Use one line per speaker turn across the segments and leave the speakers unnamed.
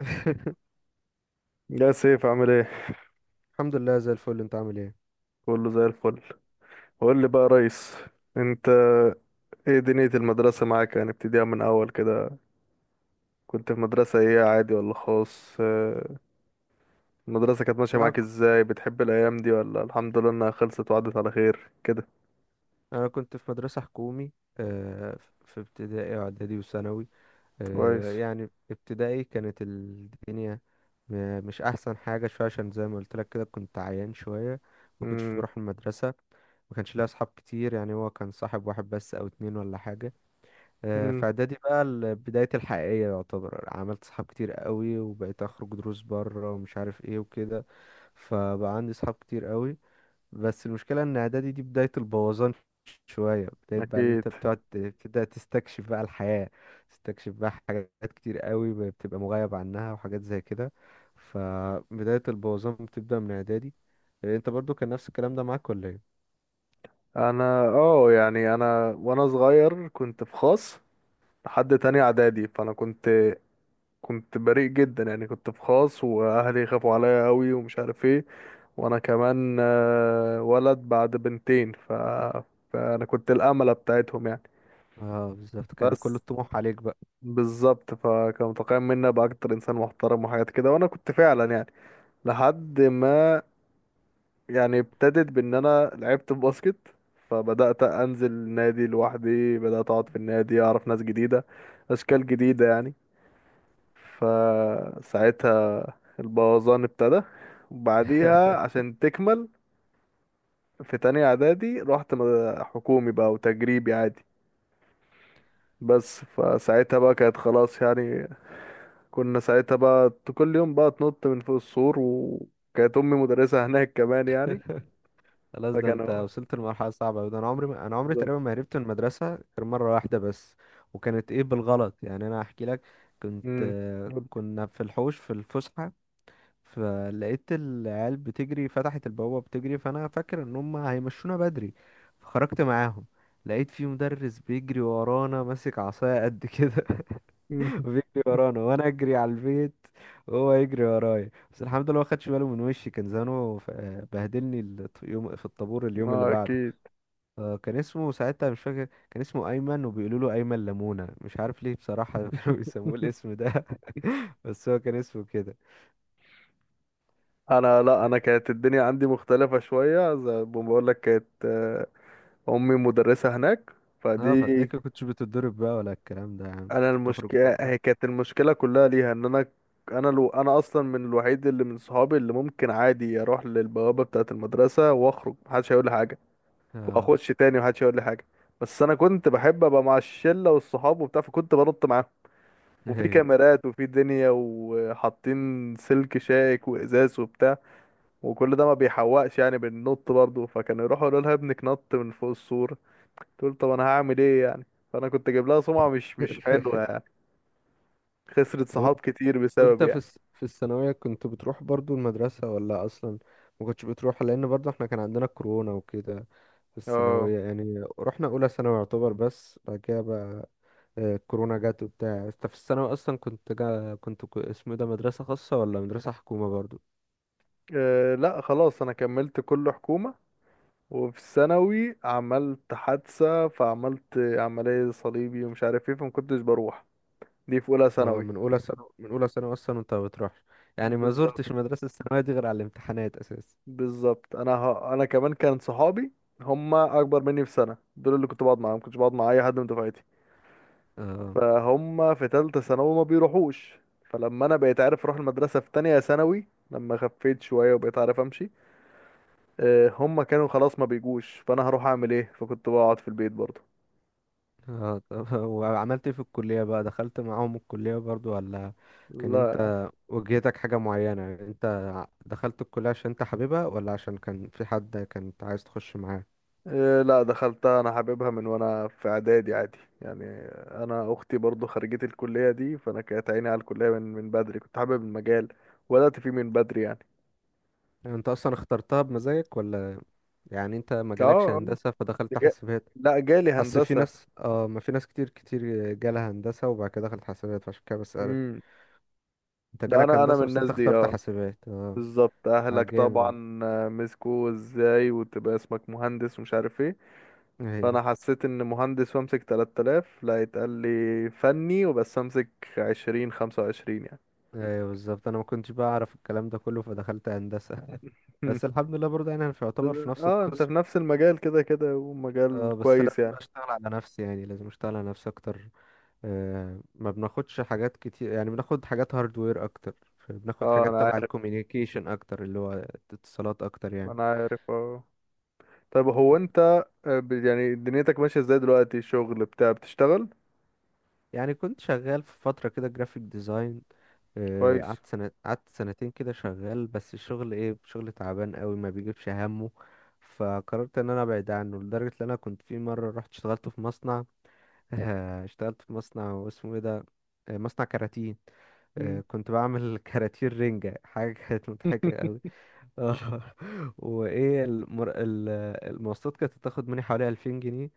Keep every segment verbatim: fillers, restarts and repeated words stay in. يا سيف عامل ايه؟
الحمد لله زي الفل، انت عامل ايه؟
كله زي الفل. قول لي بقى يا ريس، انت ايه دنيا المدرسة معاك؟ يعني ابتديها من اول كده، كنت في مدرسة ايه، عادي ولا خاص؟ آه، المدرسة كانت ماشية
لا، انا
معاك
ك-
ازاي؟ بتحب الايام دي ولا الحمد لله انها خلصت وعدت على خير كده؟
أنا كنت في مدرسة حكومي. آه، ف- في ابتدائي واعدادي وثانوي.
كويس.
آه، يعني ابتدائي كانت الدنيا م- مش احسن حاجة شوية، عشان زي ما قلت لك كده كنت عيان شوية، ما كنتش
امم.
بروح المدرسة. ما كانش ليا اصحاب كتير، يعني هو كان صاحب واحد بس او اتنين ولا حاجة. آه،
امم.
في اعدادي بقى ال- بدايتي الحقيقية يعتبر، عملت صحاب كتير قوي وبقيت اخرج دروس بره ومش عارف ايه وكده. فبقى عندي صحاب كتير قوي، بس المشكلة ان اعدادي دي بداية البوظان. شوية بداية بقى اللي
اكيد.
انت بتقعد ت- بتبدأ تستكشف بقى الحياة، تستكشف بقى حاجات كتير قوي بتبقى مغيب عنها وحاجات زي كده. فبداية البوظان بتبدأ من اعدادي. إيه، انت برضو كان نفس الكلام ده معاك ولا ايه؟
انا اه يعني انا وانا صغير كنت في خاص لحد تاني اعدادي، فانا كنت كنت بريء جدا يعني، كنت في خاص واهلي خافوا عليا قوي ومش عارف ايه. وانا كمان آه، ولد بعد بنتين ف... فانا كنت الامله بتاعتهم يعني.
اه، بالظبط، كان كل
بس
الطموح عليك بقى.
بالظبط، فكان متوقع مني ابقى اكتر انسان محترم وحاجات كده، وانا كنت فعلا يعني لحد ما، يعني ابتدت بان انا لعبت باسكت، فبدات انزل النادي لوحدي، بدات اقعد في النادي اعرف ناس جديده، اشكال جديده يعني. فساعتها البوظان ابتدى، وبعديها عشان تكمل في تانية اعدادي رحت م- حكومي بقى وتجريبي عادي بس. فساعتها بقى كانت خلاص يعني، كنا ساعتها بقى ت- كل يوم بقى تنط من فوق السور، وكانت امي مدرسة هناك كمان يعني.
خلاص، ده انت
فكانوا
وصلت لمرحلة صعبة أوي. ده انا عمري ما... انا عمري
بالظبط.
تقريبا ما هربت من المدرسة غير مرة واحدة بس. وكانت ايه بالغلط يعني، انا احكي لك. كنت
مم.
آه، كنا في الحوش في الفسحة، فلقيت العيال بتجري فتحت البوابة بتجري، فأنا فاكر إن هم هيمشونا بدري فخرجت معاهم. لقيت في مدرس بيجري ورانا ماسك عصاية قد كده،
مم.
بيجري ورانا وأنا أجري على البيت وهو يجري ورايا. بس الحمد لله ما خدش باله من وشي، كان زانه ف- بهدلني ال- يوم في الطابور اليوم اللي
ما
بعده.
اكيد.
آه، كان اسمه ساعتها مش فاكر، كان اسمه أيمن، وبيقولوا له أيمن لمونة، مش عارف ليه بصراحة. كانوا بيسموه الاسم ده. بس هو كان اسمه كده.
انا لا انا كانت الدنيا عندي مختلفة شوية، زي ما بقول لك، كانت آه، امي مدرسة هناك
اه،
فدي.
فتلاقيك كنتش بتتضرب بقى ولا الكلام ده، يا عم
انا
كنت بتخرج بقى
المشكله هي
براحتك؟
كانت المشكله كلها ليها ان انا، انا لو انا اصلا من الوحيد اللي من صحابي اللي ممكن عادي اروح للبوابه بتاعه المدرسه واخرج، محدش هيقول لي حاجه،
اه،
واخش تاني محدش هيقول لي حاجه. بس انا كنت بحب ابقى مع الشله والصحاب وبتاع، فكنت بنط معاهم. وفي
ايوه.
كاميرات وفي دنيا وحاطين سلك شائك وازاز وبتاع، وكل ده ما بيحوقش يعني، بننط برضه. فكانوا يروحوا يقولوا لها ابنك نط من فوق السور، تقول طب انا هعمل ايه يعني. فانا كنت جايب لها سمعه مش مش حلوه، خسرت
و-
صحاب كتير بسبب
وانت في
يعني.
الس- في الثانوية كنت بتروح برضو المدرسة ولا اصلا ما كنتش بتروح، لان برضو احنا كان عندنا كورونا وكده؟ في
اه.
الثانوية يعني رحنا اولى ثانوي يعتبر، بس بعد كده بقى آه، الكورونا جت وبتاع. انت في الثانوي اصلا كنت جا كنت ك- اسمه إيه ده، مدرسة خاصة ولا مدرسة حكومة برضو؟
أه لا خلاص، انا كملت كله حكومة. وفي الثانوي عملت حادثة، فعملت عملية صليبي ومش عارف ايه، فما كنتش بروح. دي في اولى
اه،
ثانوي.
من اولى ثانوي، من اولى ثانوي اصلا وانت ما بتروحش، يعني ما
بالظبط،
زرتش المدرسة الثانوية دي غير على الامتحانات اساسا.
بالظبط. انا ه... انا كمان كان صحابي هم اكبر مني بسنة، دول اللي كنت بقعد معاهم، كنتش بقعد مع اي حد من دفعتي.
اه.
فهم في تالتة ثانوي ما بيروحوش، فلما انا بقيت عارف اروح المدرسة في تانية ثانوي لما خفيت شوية وبقيت عارف امشي، آه، هم كانوا خلاص ما بيجوش، فانا هروح اعمل ايه؟ فكنت بقعد في البيت برضه.
اه، طب، وعملت ايه في الكلية بقى؟ دخلت معاهم الكلية برضو ولا كان
لا.
انت وجهتك حاجة معينة؟ يعني انت ع- دخلت الكلية عشان انت حاببها ولا عشان كان في حد كنت عايز تخش معاه؟
آه، لا، دخلتها انا حاببها من وانا في اعدادي عادي يعني. انا اختي برضه خريجة الكلية دي، فانا كانت عيني على الكلية من من بدري، كنت حابب المجال وبدأت فيه من بدري يعني.
يعني انت اصلا اخترتها بمزاجك، ولا يعني انت ما
اه.
جالكش
آه.
هندسة فدخلت
جا-
حاسبات؟
لا جالي
اصل في
هندسة.
ناس، اه، ما في ناس كتير كتير جالها هندسة وبعد كده دخلت حاسبات، فعشان كده بسألك.
امم.
انت
لا،
جالك
انا انا من
هندسة بس
الناس
انت
دي
اخترت
اه.
حاسبات؟ اه،
بالظبط،
آه،
اهلك
جامد يعني.
طبعا آه، مسكوا، ازاي وتبقى اسمك مهندس ومش عارف ايه.
ايوه،
فانا حسيت ان مهندس وامسك تلات آلاف لا، يتقال لي فني وبس امسك عشرين خمسة وعشرين يعني.
ايوه، بالظبط، انا ما كنتش بقى اعرف الكلام ده كله فدخلت هندسه.
مم.
بس الحمد لله برضه، يعني انا مش يعتبر في
بس-
نفس
اه انت
القسم.
في نفس المجال كده كده، ومجال
اه، بس
كويس
لازم
يعني.
بقى اشتغل على نفسي، يعني لازم اشتغل على نفسي اكتر. آه ما بناخدش حاجات كتير، يعني بناخد حاجات هاردوير اكتر، بناخد
اه
حاجات
انا
تبع
عارف.
الكوميونيكيشن اكتر، اللي هو اتصالات اكتر يعني.
انا عارف اه. طب هو انت آه، ب- يعني دنيتك ماشية ازاي دلوقتي، شغل بتاع بتشتغل؟
يعني كنت شغال في فترة كده جرافيك ديزاين، آه،
كويس.
قعدت سنة، قعدت سنتين كده شغال، بس الشغل ايه، شغل تعبان قوي ما بيجيبش همه. فقررت ان انا ابعد عنه، لدرجة ان انا كنت في مرة رحت اشتغلت في مصنع. اشتغلت في مصنع اسمه ايه ده، آه، مصنع كراتين. آه،
مم.
كنت بعمل كراتين رنجة، حاجة كانت مضحكة قوي. اه. وايه المر... ال- المواصلات كانت بتاخد مني حوالي ألفين جنيه،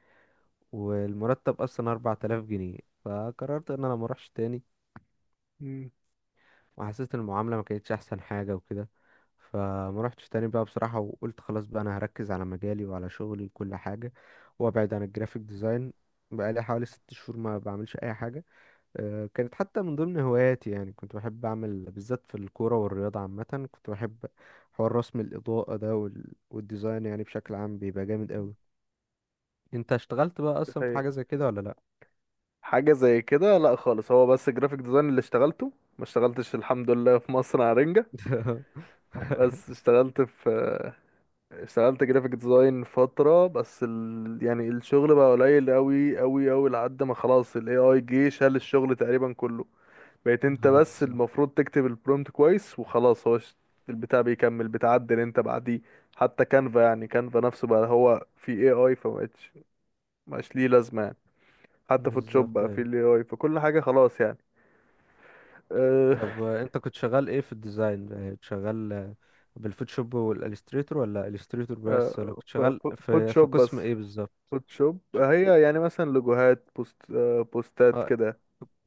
والمرتب اصلا أربعة آلاف جنيه، فقررت ان انا ما اروحش تاني.
مم.
وحسيت ان المعامله ما كانتش احسن حاجه وكده، فما روحتش تاني بقى بصراحه، وقلت خلاص بقى انا هركز على مجالي وعلى شغلي وكل حاجه، وابعد عن الجرافيك ديزاين. بقالي حوالي ست شهور ما بعملش اي حاجه. آه، كانت حتى من ضمن هواياتي، يعني كنت بحب اعمل بالذات في الكوره والرياضه عامه، كنت بحب حوار رسم الاضاءه ده وال- والديزاين، يعني بشكل عام بيبقى جامد قوي. انت اشتغلت بقى
دي
اصلا في حاجه
حقيقة.
زي كده ولا؟
حاجة زي كده لا خالص، هو بس جرافيك ديزاين اللي اشتغلته، ما اشتغلتش الحمد لله في مصر على رنجة،
لا.
بس اشتغلت في، اشتغلت جرافيك ديزاين فترة بس. ال... يعني الشغل بقى قليل قوي قوي قوي لحد ما خلاص ال إيه آي جه شال الشغل تقريبا كله، بقيت انت
اه،
بس
بالظبط.
المفروض تكتب البرومت كويس وخلاص، هو ش- البتاع بيكمل، بتعدل انت بعديه. حتى كانفا، يعني كانفا نفسه بقى هو في إيه آي، فمبقتش، مبقاش ليه لازمة يعني. حتى فوتوشوب
بالظبط،
بقى في
ايوه.
ال إيه آي، فكل حاجة خلاص يعني. أه.
طب، آه، انت كنت شغال ايه في الديزاين؟ يعني كنت شغال، آه، بالفوتوشوب والاليستريتور، ولا اليستريتور بس، ولا
أه
كنت
ف-
شغال
ف-
في في
فوتوشوب
قسم
بس.
ايه بالظبط؟
فوتوشوب
ش-
هي يعني مثلا لوجوهات، بوست أه بوستات
آه،
كده.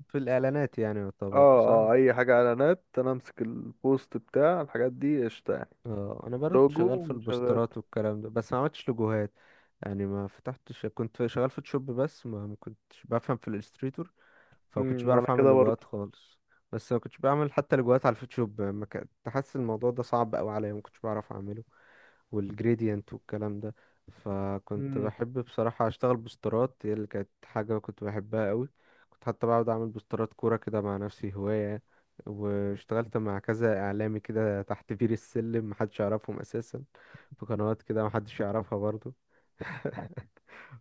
في الاعلانات يعني، يعتبر
اه
صح؟
اه، اي حاجة اعلانات انا امسك، البوست بتاع الحاجات دي قشطة يعني.
اه، انا برضه كنت
لوجو،
شغال في
وشغال.
البوسترات والكلام ده بس ما عملتش لوجوهات. يعني ما فتحتش، كنت شغال فوتوشوب بس، ما ما كنتش بفهم في الاليستريتور، فما كنتش
امم، انا
بعرف اعمل
كده برضه.
لوجوهات خالص. بس ما كنتش بعمل حتى لوجوهات على الفوتوشوب، يعني ما كنت حاسس، الموضوع ده صعب قوي عليا، ما كنتش بعرف اعمله. والجريدينت والكلام ده. فكنت
امم.
بحب بصراحة أشتغل بوسترات، هي اللي كانت حاجة كنت بحبها قوي. كنت حتى بقعد أعمل بوسترات كورة كده مع نفسي هواية. واشتغلت مع كذا إعلامي كده تحت بير السلم محدش يعرفهم أساسا، في قنوات كده محدش يعرفها برضو.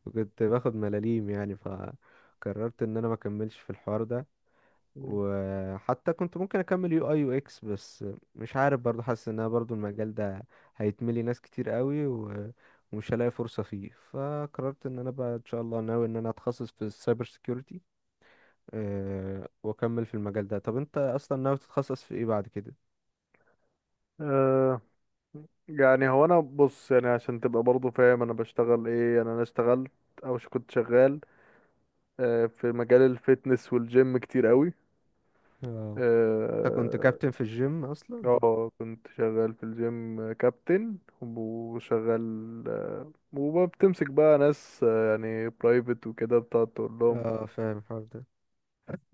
وكنت باخد ملاليم يعني، فقررت إن أنا مكملش في الحوار ده.
أمم.
وحتى كنت ممكن اكمل يو اي يو اكس بس، مش عارف برضو، حاسس ان انا برضو المجال ده هيتملي ناس كتير قوي، و- ومش هلاقي فرصة فيه، فقررت ان انا بقى ان شاء الله ناوي ان انا اتخصص في السايبر سيكيورتي. أه واكمل في المجال ده. طب انت اصلا ناوي تتخصص في ايه بعد كده؟
آه يعني هو انا بص، يعني عشان تبقى برضه فاهم انا بشتغل ايه، يعني انا اشتغلت، او ش- كنت شغال آه في مجال الفيتنس والجيم كتير قوي.
اه، انت كنت
اه.
كابتن في الجيم اصلا؟
آه، كنت شغال في الجيم كابتن، وشغال آه، وبتمسك بقى ناس آه يعني، برايفت وكده بتقعد تقول لهم،
اه، فاهم الحوار ده.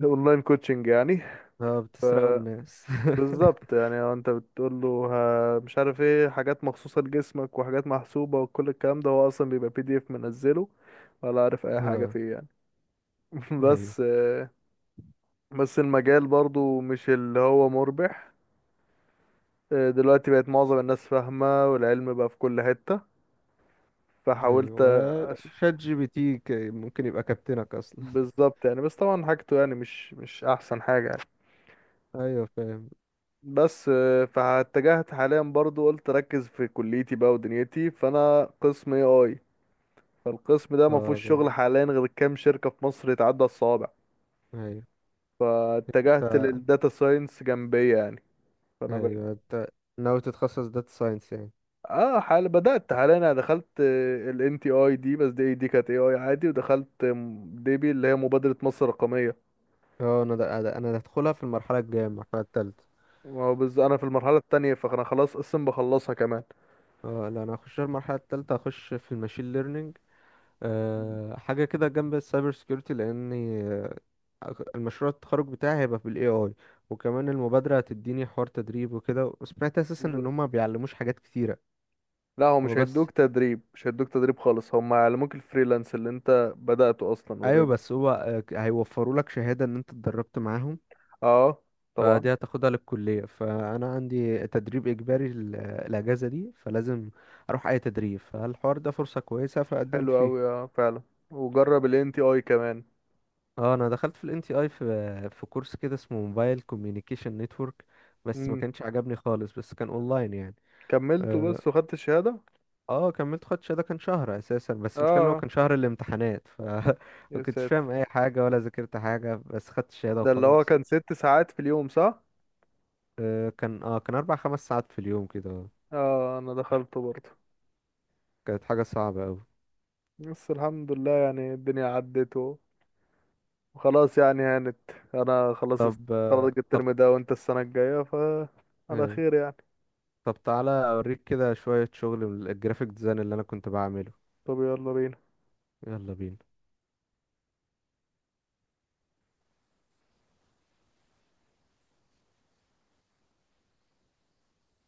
اونلاين كوتشنج يعني.
اه، بتسرقوا الناس.
بالظبط، يعني هو انت بتقول له، ها- مش عارف ايه، حاجات مخصوصة لجسمك وحاجات محسوبة، وكل الكلام ده هو اصلا بيبقى بي دي اف منزله ولا عارف اي حاجة
اه،
فيه يعني.
ايوه،
بس آه، بس المجال برضو مش اللي هو مربح، آه، دلوقتي بقت معظم الناس فاهمة، والعلم بقى في كل حتة، فحاولت
ايوه،
أش...
وشات جي بي تي ك- ممكن يبقى كابتنك اصلا.
بالظبط يعني. بس طبعا حاجته يعني، مش مش احسن حاجة يعني.
ايوه فاهم.
بس آه، فاتجهت حاليا برضو، قلت ركز في كليتي بقى ودنيتي، فانا قسم اي اي. فالقسم ده ما
اه،
فيهوش
جامد.
شغل حاليا غير كام شركة في مصر، يتعدى الصوابع.
ايوه. ف-
فاتجهت للداتا ساينس جنبية يعني. فانا
ايوه،
بقيت
انت ناوي تتخصص داتا ساينس يعني؟
اه حال، بدأت حاليا، انا دخلت ال إن تي اي دي، بس دي دي كانت اي اي عادي، ودخلت ديبي اللي هي مبادرة مصر الرقمية.
اه، انا ده ده- انا هدخلها في المرحله الجايه، المرحله الثالثه.
بس انا في المرحلة التانية، فانا خلاص قسم بخلصها كمان.
اه، لا، انا هخش المرحله الثالثه، هخش في الماشين ليرنينج. أه، حاجه كده جنب السايبر سكيورتي لاني، آه، المشروع التخرج بتاعي هيبقى بالاي اي، وكمان المبادره هتديني حوار تدريب وكده، وسمعت اساسا ان
بالظبط.
هما بيعلموش حاجات كتيره.
لا هو
هو
مش
بس
هيدوك تدريب، مش هيدوك تدريب خالص، هم هيعلموك الفريلانس اللي انت بدأته اصلا
ايوه،
اوريدي.
بس هو آه، ك- هيوفروا لك شهاده ان انت اتدربت معاهم،
اه. طبعا.
فدي هتاخدها للكلية، فأنا عندي تدريب إجباري ال- الأجازة دي، فلازم أروح أي تدريب، فالحوار ده فرصة كويسة
حلو
فقدمت فيه.
اوي، اه فعلا. وجرب ال إن تي اي كمان.
اه، انا دخلت في الان تي اي في في كورس كده اسمه موبايل كوميونيكيشن نتورك، بس ما كانش عجبني خالص، بس كان اونلاين يعني.
كملته
اه.
بس وخدت الشهادة.
آه، كملت خدش ده، كان شهر اساسا، بس المشكله إن هو
اه.
كان شهر الامتحانات، ف ما
يا
كنتش فاهم
ساتر.
اي حاجه ولا ذاكرت حاجه، بس خدت الشهاده
ده اللي هو
وخلاص.
كان ست ساعات في اليوم صح؟
آه كان اه كان اربع خمس ساعات في اليوم كده.
اه انا دخلته برضه.
كانت حاجه صعبه قوي.
بس الحمد لله يعني الدنيا عدت و، وخلاص يعني هانت. انا خلاص است-
طب
خلاص
آه، طب
الترم ده وانت السنة الجاية، ف على
ايه
خير يعني.
طب تعالى اوريك كده شوية شغل من الجرافيك ديزاين اللي انا كنت بعمله.
طب يلا بينا.
يلا بينا.